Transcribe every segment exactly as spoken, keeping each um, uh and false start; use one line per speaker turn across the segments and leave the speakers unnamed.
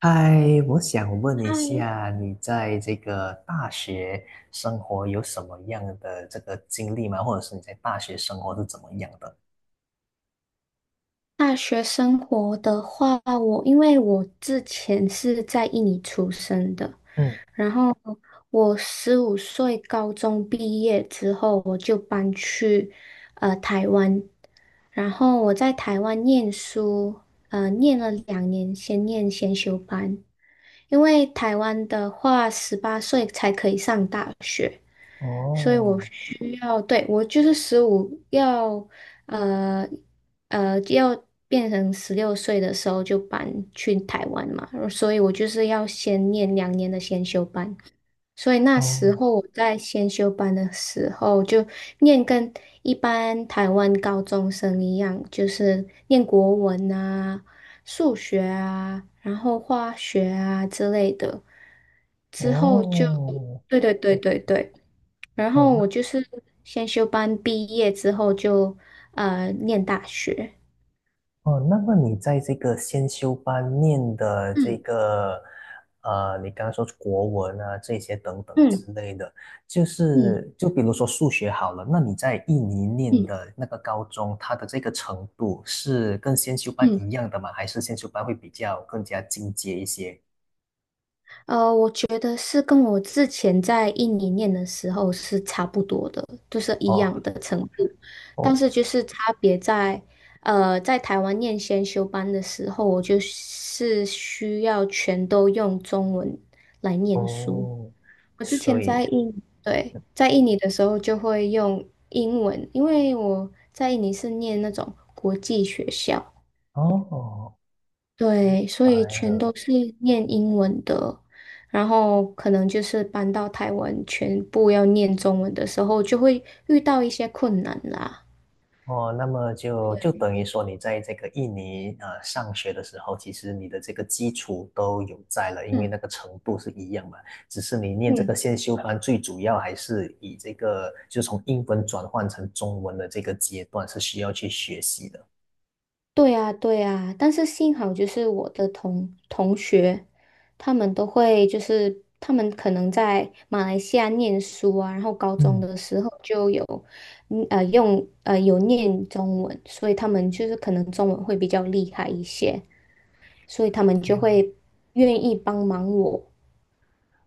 嗨，我想问
嗨，
一下，你在这个大学生活有什么样的这个经历吗？或者是你在大学生活是怎么样的？
大学生活的话，我因为我之前是在印尼出生的，
嗯，
然后我十五岁高中毕业之后，我就搬去呃台湾，然后我在台湾念书，呃，念了两年，先念先修班，因为台湾的话，十八岁才可以上大学。所以我
哦，
需要，对，我就是十五要，呃呃，要变成十六岁的时候就搬去台湾嘛，所以我就是要先念两年的先修班。所以那时
哦，
候我在先修班的时候，就念跟一般台湾高中生一样，就是念国文啊、数学啊，然后化学啊之类的。之后就，
哦，
对对对
哦，
对对，然后我
那。
就是先修班毕业之后就呃念大学。
哦，那么你在这个先修班念的这
嗯
个，呃，你刚刚说国文啊，这些等等
嗯
之类的，就
嗯
是就比如说数学好了，那你在印尼念
嗯
的那个高中，它的这个程度是跟先修班
嗯，
一样的吗？还是先修班会比较更加进阶一些？
呃，我觉得是跟我之前在印尼念的时候是差不多的，就是一样
哦
的程度，但是
哦
就是差别在，呃，在台湾念先修班的时候，我就是需要全都用中文来念书。
哦，
我之
所
前在
以
印，对，在印尼的时候就会用英文，因为我在印尼是念那种国际学校，
哦，哦
对，所
白
以全都
了。
是念英文的。然后可能就是搬到台湾，全部要念中文的时候，就会遇到一些困难啦。
哦，那么就就等于说，你在这个印尼呃上学的时候，其实你的这个基础都有在了，因为
嗯。
那个程度是一样嘛。只是你念这个
嗯。
先修班，最主要还是以这个就从英文转换成中文的这个阶段是需要去学习的。
对啊，对啊，但是幸好就是我的同同学，他们都会就是他们可能在马来西亚念书啊，然后高中
嗯
的时候就有，嗯呃，用呃有念中文，所以他们就是可能中文会比较厉害一些，所以他们就
嗯
会愿意帮忙我。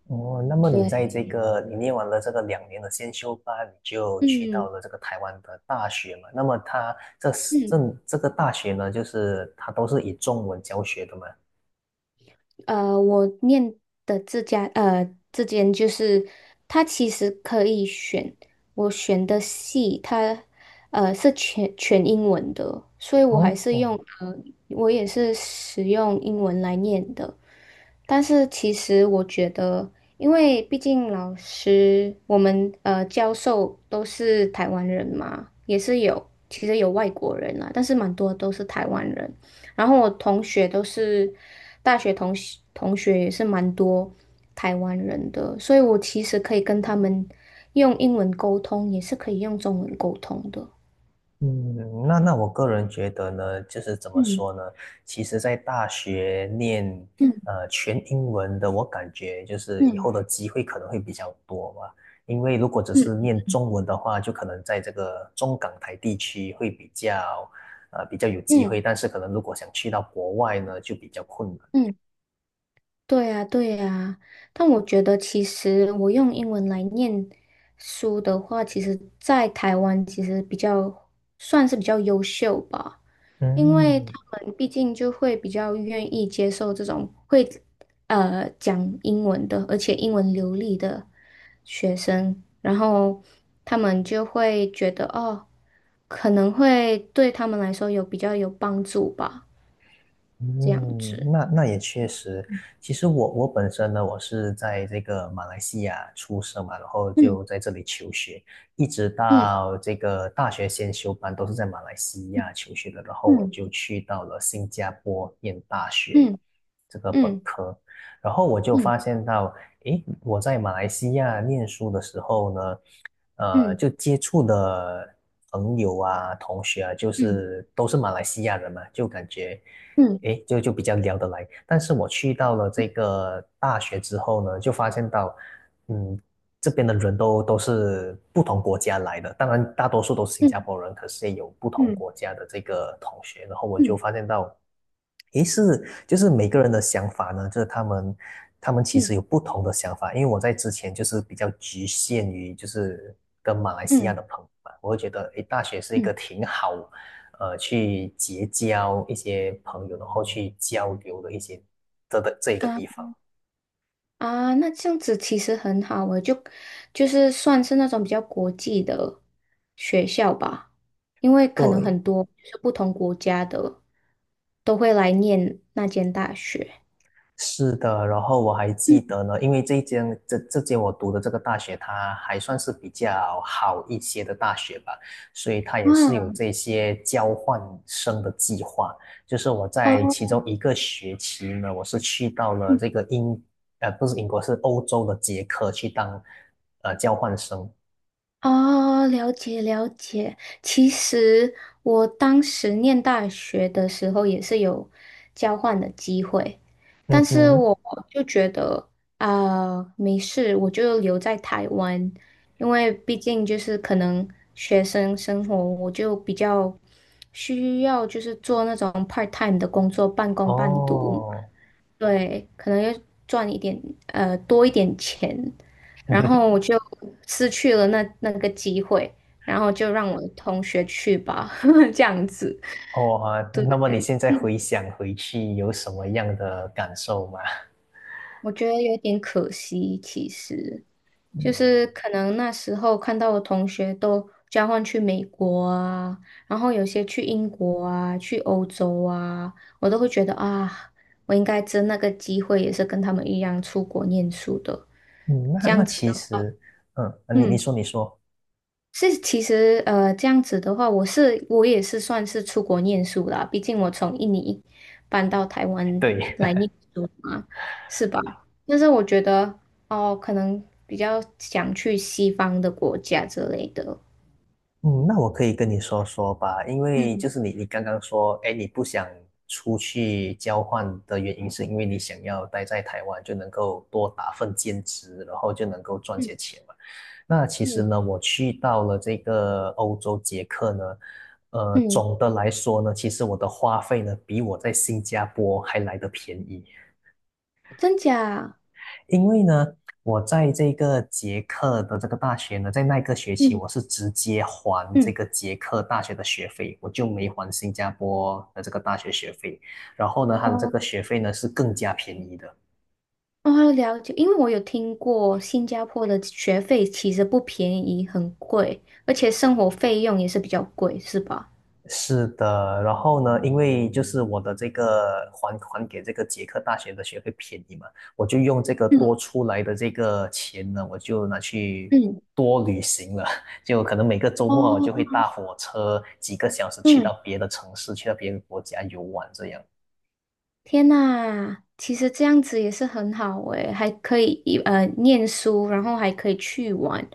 哦，那么你
对，
在这个你念完了这个两年的先修班，你就去到
嗯
了这个台湾的大学嘛？那么它这是这
嗯。
这个大学呢，就是它都是以中文教学的嘛？
呃，我念的这家呃这间就是它其实可以选，我选的系，它呃是全全英文的，所以我还
哦
是用
哦，
呃我也是使用英文来念的。但是其实我觉得，因为毕竟老师，我们呃教授都是台湾人嘛，也是有其实有外国人啦，但是蛮多都是台湾人。然后我同学都是大学同学同学也是蛮多台湾人的，所以我其实可以跟他们用英文沟通，也是可以用中文沟通的。
嗯，那那我个人觉得呢，就是怎么
嗯
说呢？其实，在大学念
嗯
呃全英文的，我感觉就是以
嗯
后的机会可能会比较多吧。因为如果只是
嗯
念中文的话，就可能在这个中港台地区会比较呃比较有
嗯
机会，
嗯。
但是可能如果想去到国外呢，就比较困难。
嗯对呀，对呀，但我觉得其实我用英文来念书的话，其实在台湾其实比较算是比较优秀吧，因为他
嗯。
们毕竟就会比较愿意接受这种会呃讲英文的，而且英文流利的学生，然后他们就会觉得哦，可能会对他们来说有比较有帮助吧，这样
嗯，
子。
那那也确实。其实我我本身呢，我是在这个马来西亚出生嘛，然后就
嗯
在这里求学，一直
嗯
到这个大学先修班都是在马来西
嗯
亚求学的，然后我
嗯
就去到了新加坡念大学
嗯。
这个本
嗯
科，然后我就
嗯
发现到，诶，我在马来西亚念书的时候呢，呃，
嗯
就接触的朋友啊、同学啊，就
嗯
是都是马来西亚人嘛，就感觉。
嗯
诶，就就比较聊得来。但是我去到了这
嗯
个大学之后呢，就发现到，嗯，这边的人都都是不同国家来的，当然大多数都是新加
嗯
坡人，可是也有不同
嗯嗯
国家的这个同学。然后我就
嗯
发现到，诶，是就是每个人的想法呢，就是他们他们其实
嗯
有不同的想法。因为我在之前就是比较局限于就是跟马来西
嗯
亚
嗯
的朋友嘛，我会觉得诶，大学是一个
嗯
挺好呃去结交一些朋友，然后去交流的一些这的这一个
啊
地方。
啊，那这样子其实很好诶，就就是算是那种比较国际的学校吧，因为可能
对，
很多就是不同国家的都会来念那间大学。
是的，然后我还记得呢，因为这一间这这间我读的这个大学，它还算是比较好一些的大学吧，所以它也是有
哇
这些交换生的计划。就是我在其
哦，
中一个学期呢，我是去到了这个英，呃，不是英国，是欧洲的捷克去当呃交换生。
哦，了解了解。其实我当时念大学的时候也是有交换的机会，但
嗯
是
哼，
我就觉得啊、没事，我就留在台湾，因为毕竟就是可能学生生活，我就比较需要就是做那种 part time 的工作，半工半读。
哦，
对，可能要赚一点呃多一点钱，然后 我就失去了那那个机会，然后就让我的同学去吧，这样子，
哦啊，那么你现在回想回去有什么样的感受吗？
我觉得有点可惜。其实，就是可能那时候看到我同学都交换去美国啊，然后有些去英国啊，去欧洲啊，我都会觉得啊，我应该争那个机会，也是跟他们一样出国念书的，
嗯，那
这样
那
子
其
的话，
实，嗯，你你
嗯。
说你说，
是，其实呃，这样子的话，我是我也是算是出国念书啦，毕竟我从印尼搬到台湾
对，
来念书嘛，是吧？但是我觉得哦，可能比较想去西方的国家之类的。
嗯，那我可以跟你说说吧，因为就
嗯
是你你刚刚说，哎，你不想出去交换的原因是因为你想要待在台湾，就能够多打份兼职，然后就能够赚
嗯
些钱嘛。那其实
嗯
呢，我去到了这个欧洲捷克呢，呃，
嗯，
总的来说呢，其实我的花费呢，比我在新加坡还来得便宜，
真假？
因为呢，我在这个捷克的这个大学呢，在那个学期
嗯
我是直接还这
嗯
个捷克大学的学费，我就没还新加坡的这个大学学费，然后呢，它的这
哦
个学费呢是更加便宜的。
哦，了解。因为我有听过新加坡的学费其实不便宜，很贵，而且生活费用也是比较贵，是吧？
是的，然后呢，因为就是我的这个还还给这个捷克大学的学费便宜嘛，我就用这个
嗯
多出来的这个钱呢，我就拿去
嗯。
多旅行了，就可能每个周末我
哦，
就会搭火车几个小时去
嗯，
到别的城市，去到别的国家游玩这样。
天呐，其实这样子也是很好诶，还可以呃念书，然后还可以去玩，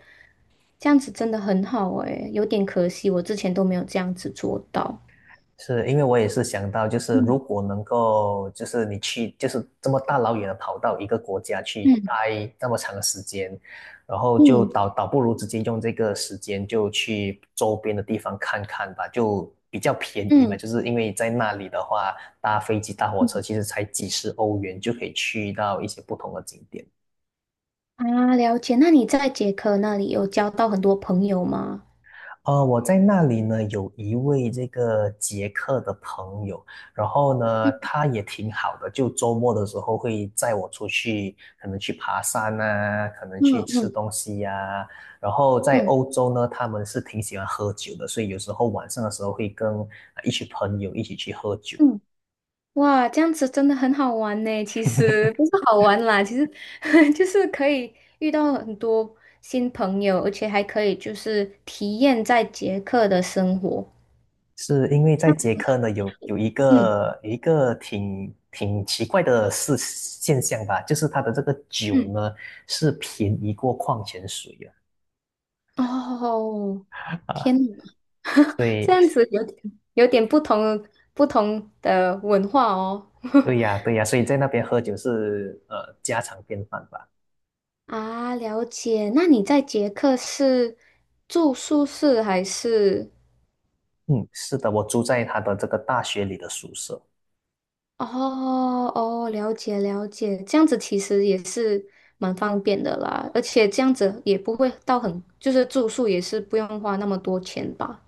这样子真的很好诶，有点可惜，我之前都没有这样子做到。
是因为我也是想到，就是
嗯
如果能够，就是你去，就是这么大老远的跑到一个国家去
嗯
待那么长的时间，然后就
嗯
倒倒不如直接用这个时间就去周边的地方看看吧，就比较便宜嘛。
嗯
就是因为在那里的话，搭飞机、搭火车
嗯，
其实才几十欧元就可以去到一些不同的景点。
啊，了解。那你在捷克那里有交到很多朋友吗？
呃，我在那里呢，有一位这个捷克的朋友，然后呢，
嗯
他也挺好的，就周末的时候会载我出去，可能去爬山啊，可能
嗯
去吃
嗯
东西呀、然后在
嗯
欧洲呢，他们是挺喜欢喝酒的，所以有时候晚上的时候会跟呃一群朋友一起去喝酒。
嗯。哇，这样子真的很好玩呢。其实不是好玩啦，其实 就是可以遇到很多新朋友，而且还可以就是体验在捷克的生活。
是因为在捷克呢，有有一
嗯
个有一个挺挺奇怪的事现象吧，就是它的这个酒
嗯，
呢是便宜过矿泉水哦
哦，天
啊，
哪，
所
这
以
样子有点有点不同不同的文化哦。
对呀，对呀，所以在那边喝酒是呃家常便饭吧？
啊，了解。那你在捷克是住宿舍还是？
嗯，是的，我住在他的这个大学里的宿舍。
哦哦，了解了解，这样子其实也是蛮方便的啦，而且这样子也不会到很，就是住宿也是不用花那么多钱吧。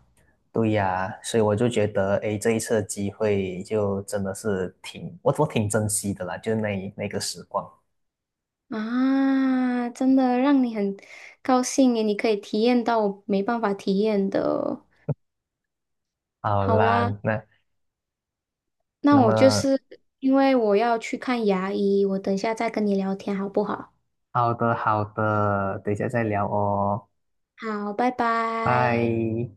对呀，所以我就觉得，诶，这一次的机会就真的是挺，我我挺珍惜的啦，就是那一那个时光。
啊，真的让你很高兴耶，你可以体验到我没办法体验的。
好
好
啦，
啦，
那
那
那
我就
么
是因为我要去看牙医，我等一下再跟你聊天好不好？
好的好的，等一下再聊哦，
好，拜拜。
拜。